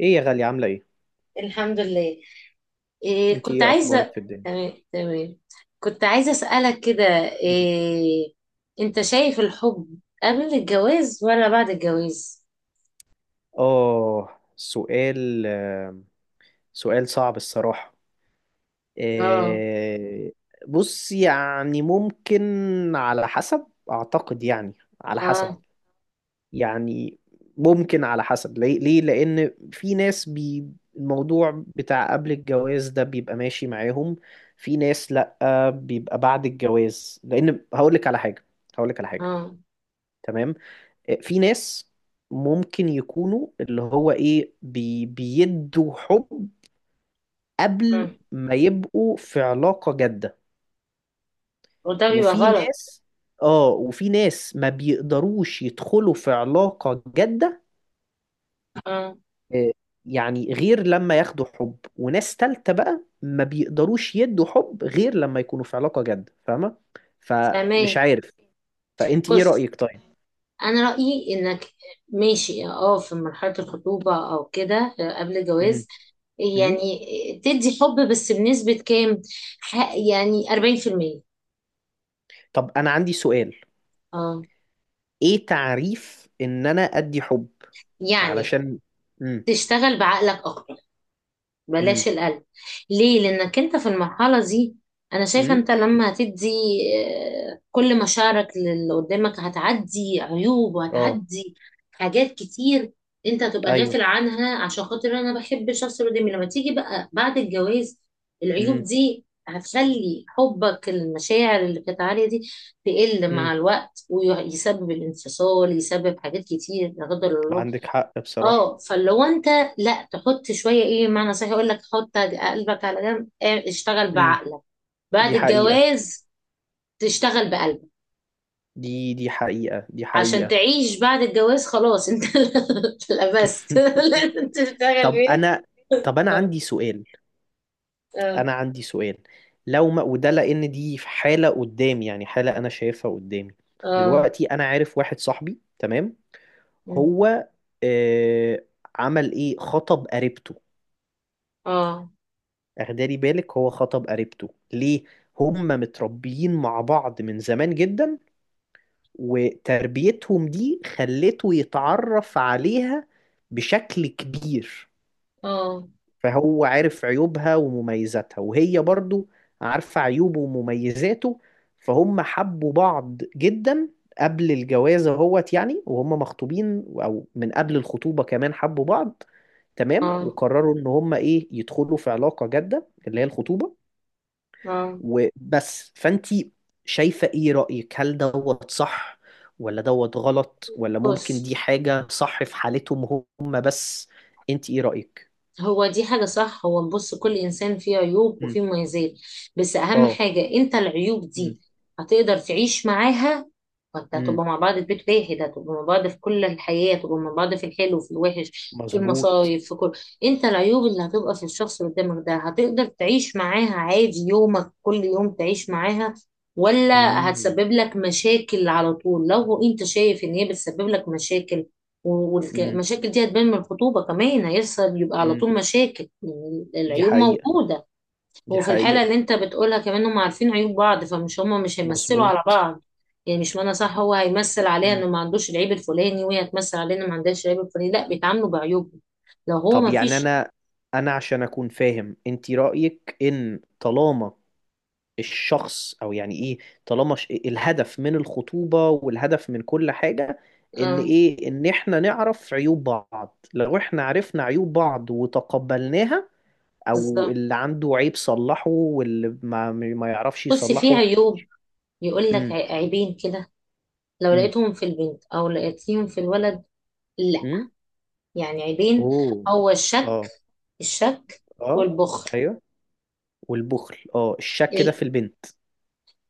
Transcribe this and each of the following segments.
ايه يا غالية، عاملة ايه؟ الحمد لله. إيه، انتي كنت ايه اخبارك عايزة. في الدنيا؟ تمام تمام. كنت عايزة أسألك كده. مم. إيه، أنت شايف الحب قبل الجواز ولا بعد الجواز؟ اه سؤال سؤال صعب الصراحة. اه. آه، بص يعني ممكن على حسب اعتقد، يعني على اه. حسب، يعني ممكن على حسب ليه؟ ليه؟ لان في ناس بي الموضوع بتاع قبل الجواز ده بيبقى ماشي معاهم، في ناس لأ بيبقى بعد الجواز، لان هقولك على حاجة. هقولك على حاجة. اه. تمام. في ناس ممكن يكونوا اللي هو ايه بي بيدوا حب آه. قبل ما يبقوا في علاقة جادة، وده بيبقى وفي غلط. ناس اه وفي ناس ما بيقدروش يدخلوا في علاقة جادة، اه. آه، يعني غير لما ياخدوا حب، وناس تالتة بقى ما بيقدروش يدوا حب غير لما يكونوا في علاقة جادة، فاهمة؟ فمش فاهمين. عارف. فانت ايه بص، رأيك طيب؟ أنا رأيي إنك ماشي، اه، في مرحلة الخطوبة أو كده، آه، قبل مم. الجواز، مم. يعني، آه، تدي حب بس بنسبة كام؟ يعني 40%. طب انا عندي سؤال. اه. ايه تعريف ان انا ادي حب؟ يعني علشان امم تشتغل بعقلك اكتر، بلاش امم القلب. ليه؟ لانك انت في المرحله دي، انا شايفه امم انت لما هتدي، آه، كل مشاعرك للي قدامك هتعدي عيوب، اه وهتعدي حاجات كتير انت هتبقى ايوه. غافل عنها، عشان خاطر انا بحب الشخص اللي قدامي. لما تيجي بقى بعد الجواز العيوب امم دي هتخلي حبك، المشاعر اللي كانت عالية دي، تقل مع امم الوقت، ويسبب الانفصال، يسبب حاجات كتير لا قدر الله. عندك حق بصراحة. اه، فاللي هو انت لا تحط شويه، ايه معنى صحيح، يقول لك حط قلبك على جنب، اه، اشتغل امم بعقلك بعد دي حقيقة. الجواز، تشتغل بقلبك دي حقيقة، دي عشان حقيقة. تعيش بعد الجواز. خلاص انت لبست لازم تشتغل طب بيه. انا، طب انا اه. عندي سؤال. اه. انا عندي سؤال. لو ما وده لان دي في حالة قدامي، يعني حالة انا شايفها قدامي اه. دلوقتي. انا عارف واحد صاحبي، تمام؟ هو آه عمل ايه، خطب قريبته. اه. اخدالي بالك، هو خطب قريبته ليه؟ هما متربيين مع بعض من زمان جدا، وتربيتهم دي خلته يتعرف عليها بشكل كبير. اه. فهو عارف عيوبها ومميزاتها، وهي برضو عارفة عيوبه ومميزاته. فهم حبوا بعض جدا قبل الجواز اهوت، يعني وهم مخطوبين او من قبل الخطوبة كمان حبوا بعض. تمام، اه. وقرروا ان هم ايه، يدخلوا في علاقة جادة اللي هي الخطوبة. اه. وبس. فانتي شايفة ايه رأيك؟ هل دوت صح ولا دوت غلط، ولا ممكن بص، دي حاجة صح في حالتهم هم بس؟ انت ايه رأيك؟ هو دي حاجة صح. هو بص، كل إنسان فيه عيوب مم. وفيه مميزات. بس أهم اه. حاجة أنت العيوب مم. دي هتقدر تعيش معاها. وأنت مم. هتبقى مع بعض في بيت واحد، هتبقى مع بعض في كل الحياة، هتبقى مع بعض في الحلو في الوحش في مظبوط. المصايب في كل. أنت العيوب اللي هتبقى في الشخص اللي قدامك ده هتقدر تعيش معاها عادي يومك كل يوم تعيش معاها، ولا مم. هتسبب لك مشاكل على طول؟ لو أنت شايف إن هي بتسبب لك مشاكل، مم. والمشاكل دي هتبان من الخطوبة كمان، هيحصل يبقى على مم. طول مشاكل، يعني دي العيوب حقيقة. موجودة. دي هو في الحالة حقيقة. اللي انت بتقولها كمان هم عارفين عيوب بعض، فمش هما مش هيمثلوا على مظبوط. بعض. يعني مش معنى صح هو هيمثل عليها انه مم. ما عندوش العيب الفلاني، وهي هتمثل عليها انه ما عندهاش العيب الفلاني، لا، بيتعاملوا بعيوبهم لو هو طب ما يعني فيش. انا، انا عشان اكون فاهم انت رأيك ان طالما الشخص او يعني ايه، طالما الهدف من الخطوبة والهدف من كل حاجة ان اه، ايه، ان احنا نعرف عيوب بعض. لو احنا عرفنا عيوب بعض وتقبلناها، او بالظبط. اللي عنده عيب صلحه، واللي ما يعرفش بصي في يصلحه. عيوب، يقول لك امم عيبين كده، لو امم لقيتهم في البنت او لقيتهم في الولد، لا، امم يعني عيبين. اوه. هو الشك، اه. الشك اه. والبخل. ايوه. والبخل؟ اه، الشك ده في البنت؟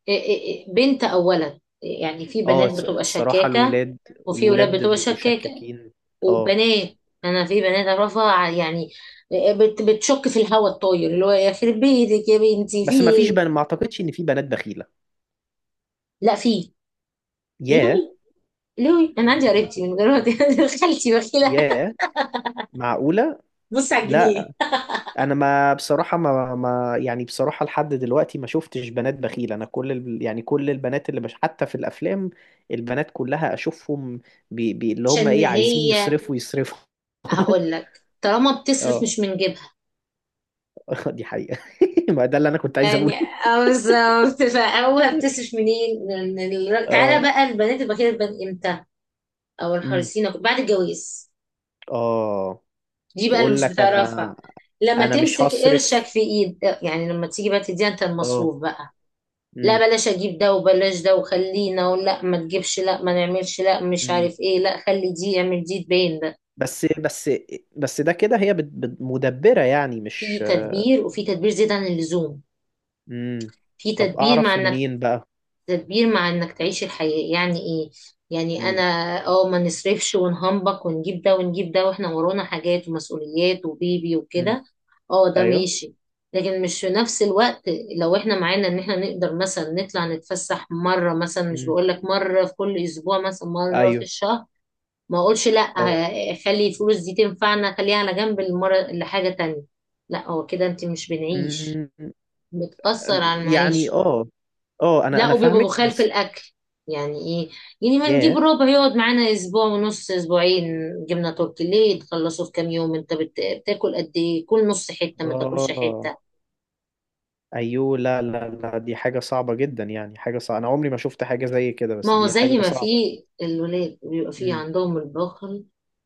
إيه إيه، إيه، بنت او ولد، يعني في اه بنات بتبقى الصراحة شكاكة، الولاد، وفي ولاد الولاد بتبقى بيبقوا شكاكة شكاكين. اه، وبنات. انا في بنات اعرفها، يعني إيه، بتشك في الهوا الطاير، اللي هو يخرب بيتك يا بنتي في بس ما فيش ايه. بنات، ما اعتقدش ان في بنات بخيلة. لا في. ياه. لوي لوي، انا عندي قريبتي من غير ما خالتي بخيلة. ياه، معقولة؟ بص على الجنيه، لا، أنا ما بصراحة ما يعني بصراحة لحد دلوقتي ما شفتش بنات بخيلة. أنا كل يعني كل البنات اللي بش حتى في الأفلام، البنات كلها أشوفهم بي اللي هم عشان إيه عايزين هي. يصرفوا يصرفوا. هقول لك طالما بتصرف اه. مش من جيبها. دي حقيقة. ما ده اللي أنا كنت عايز يعني أقوله. اه بالظبط، فهو بتصرف منين، من تعالى اه. بقى. البنات البخيلة بتبان امتى؟ او امم الحريصين بعد الجواز؟ اه. دي بقى اللي تقول مش لك بتعرفها. أنا، لما أنا مش تمسك قرشك هصرف. في ايد، يعني لما تيجي بقى تديها انت اه. المصروف بقى، لا امم بلاش اجيب ده وبلاش ده وخلينا، ولا ما تجيبش، لا ما نعملش، لا مش امم عارف ايه، لا خلي دي اعمل دي تبين ده. بس، بس ده كده هي مدبرة يعني، في مش. تدبير وفي تدبير زيادة عن اللزوم. امم في طب تدبير مع اعرف انك، منين بقى؟ تدبير مع انك تعيش الحياة، يعني ايه. يعني انا، امم اه، ما نصرفش ونهنبك، ونجيب ده ونجيب ده، واحنا ورانا حاجات ومسؤوليات وبيبي امم وكده، اه، ده ايوه. ماشي. لكن مش في نفس الوقت، لو احنا معانا ان احنا نقدر مثلا نطلع نتفسح مرة، مثلا مش امم بقول لك مرة في كل اسبوع، مثلا مرة في ايوه. الشهر، ما اقولش لا، اه. آه، خلي الفلوس دي تنفعنا، خليها على جنب المرة لحاجة تانية. لا، هو كده انت مش بنعيش، امم بتأثر على يعني المعيشة. اه. اه انا، لا، وبيبقى فاهمك بخال في بس. الاكل، يعني ايه، يعني ما نجيب ياه. ربع يقعد معانا اسبوع ونص، اسبوعين. جبنه تركي ليه تخلصه في كام يوم، انت بتاكل قد ايه، كل نص حته ما تاكلش اه. حته. ايوه. لا لا لا، دي حاجة صعبة جدا، يعني حاجة صعبة. انا عمري ما شفت حاجة زي كده، ما بس هو دي زي حاجة ما في صعبة. الولاد بيبقى في امم عندهم البخل،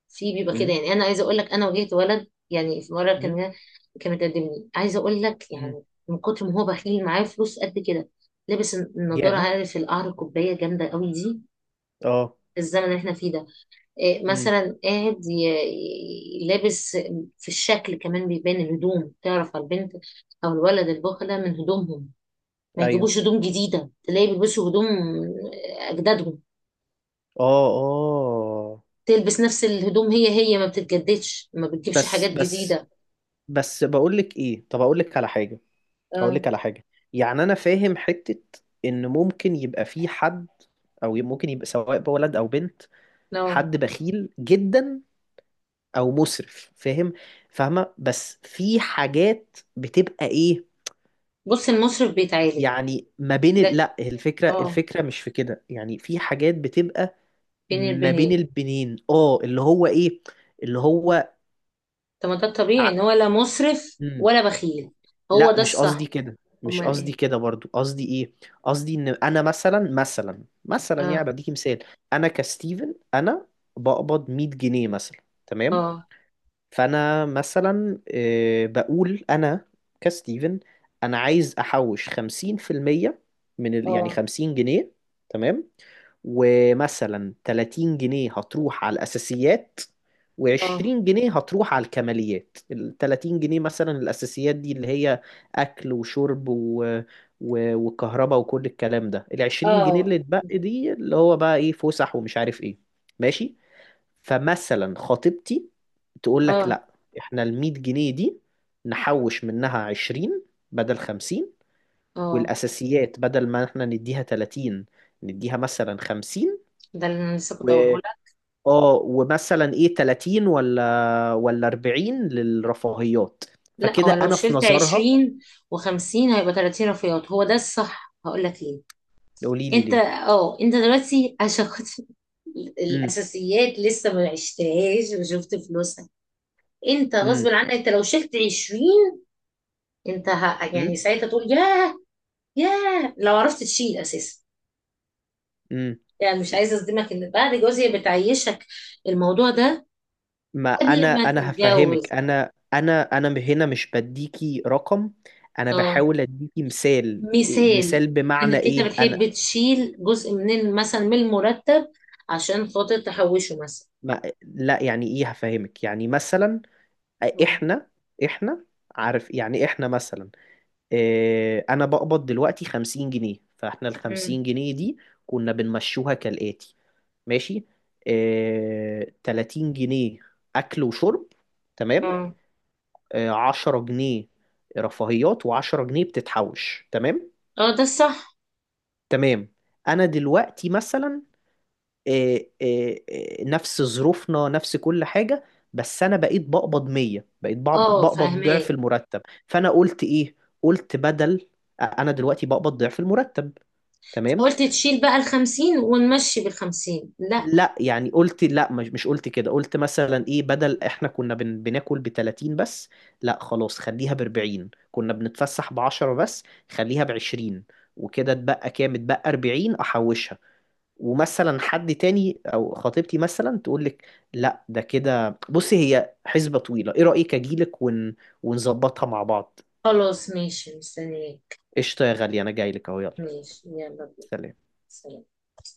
في بيبقى كده، امم يعني انا عايزه اقول لك انا واجهت ولد يعني في مره، كان امم كان متقدمني، عايزه اقول لك امم يعني من كتر ما هو بخيل معاه فلوس قد كده. لابس النضاره، ياه. عارف القعر، الكوبايه جامده قوي دي، اه. الزمن اللي احنا فيه ده. إيه، امم مثلا قاعد لابس. في الشكل كمان بيبان، الهدوم تعرف على البنت او الولد البخلة من هدومهم، ما ايوه. يجيبوش هدوم جديدة، تلاقي بيلبسوا هدوم اجدادهم، اه. اه. تلبس نفس الهدوم، هي هي ما بتتجددش، ما بتجيبش حاجات بس، جديدة. بس بقول لك ايه، طب اقول لك على حاجة. هقول اه لك على حاجة. يعني أنا فاهم حتة إن ممكن يبقى في حد، أو ممكن يبقى سواء بقى ولد أو بنت، لا، حد بخيل جدا أو مسرف، فاهم؟ فاهمة؟ بس في حاجات بتبقى إيه، بص، المصرف بيتعالج. يعني ما بين ده لا، الفكرة، اه، الفكرة مش في كده، يعني في حاجات بتبقى بين ما بين البنين. البنين اه اللي هو إيه، اللي هو. طب ما ده الطبيعي ان هو لا مصرف ولا بخيل، هو لا ده مش قصدي الصح. كده، مش امال قصدي ايه؟ كده برضو. قصدي ايه، قصدي ان انا مثلا، مثلا، يعني اه. بديكي مثال. انا كستيفن، انا بقبض 100 جنيه مثلا. تمام؟ اه. فانا مثلا بقول انا كستيفن، انا عايز احوش 50% من يعني اه. 50 جنيه. تمام. ومثلا 30 جنيه هتروح على الأساسيات، و20 اه. جنيه هتروح على الكماليات. ال 30 جنيه مثلا الأساسيات دي اللي هي أكل وشرب وكهرباء وكل الكلام ده. ال 20 جنيه اه. اللي اتبقى دي اللي هو بقى إيه، فسح ومش عارف إيه. ماشي. فمثلا خطيبتي تقول لك اه. لا، إحنا ال 100 جنيه دي نحوش منها 20 بدل 50، اه. والأساسيات بدل ما إحنا نديها 30 نديها مثلا 50، ده اللي انا لسه و كنت هقوله لك. اه ومثلا ايه 30 ولا 40 للرفاهيات. لا، هو فكده لو انا في شلت نظرها. 20 و50 هيبقى 30 رفيعات، هو ده الصح. هقول لك ليه. قولي لي انت، ليه. اه، انت دلوقتي عشان خاطر امم الاساسيات لسه ما عشتهاش وشفت فلوسها. انت غصب امم عنك انت لو شلت 20، انت امم يعني ساعتها تقول ياه. ياه، لو عرفت تشيل اساسا، امم يعني مش عايزه اصدمك ان بعد جوزي بتعيشك، الموضوع ده ما انا، قبل ما هفهمك. تتجوز. انا هنا مش بديكي رقم، انا آه. بحاول اديكي مثال. مثال، مثال بمعنى انك انت ايه. انا، بتحب تشيل جزء من مثلا من المرتب، عشان خاطر تحوشه مثلا. ما لا يعني ايه، هفهمك. يعني مثلا احنا، احنا عارف، يعني احنا مثلا انا بقبض دلوقتي 50 جنيه. فاحنا ال مم. 50 جنيه دي كنا بنمشوها كالآتي، ماشي؟ 30 جنيه اكل وشرب، تمام؟ اه. 10 جنيه رفاهيات، و10 جنيه بتتحوش. تمام؟ اه ده الصح. تمام. انا دلوقتي مثلا نفس ظروفنا، نفس كل حاجة، بس انا بقيت بقبض 100، بقيت اه، بقبض ضعف فاهماك. المرتب. فانا قلت ايه، قلت بدل، انا دلوقتي بقبض ضعف المرتب، تمام؟ قلت تشيل بقى الخمسين ونمشي بالخمسين. لا، لا يعني قلت لا، مش قلت كده. قلت مثلا ايه، بدل احنا كنا بناكل ب 30 بس، لا خلاص خليها ب 40. كنا بنتفسح ب 10 بس، خليها ب 20. وكده اتبقى كام؟ اتبقى 40 احوشها. ومثلا حد تاني او خطيبتي مثلا تقول لك لا ده كده، بصي هي حسبة طويلة. ايه رأيك اجيلك ونظبطها مع بعض؟ خلاص ماشي مستنياك. قشطة يا غالية، انا جاي لك اهو. يلا. ماشي، يلا بينا. سلام. سلام.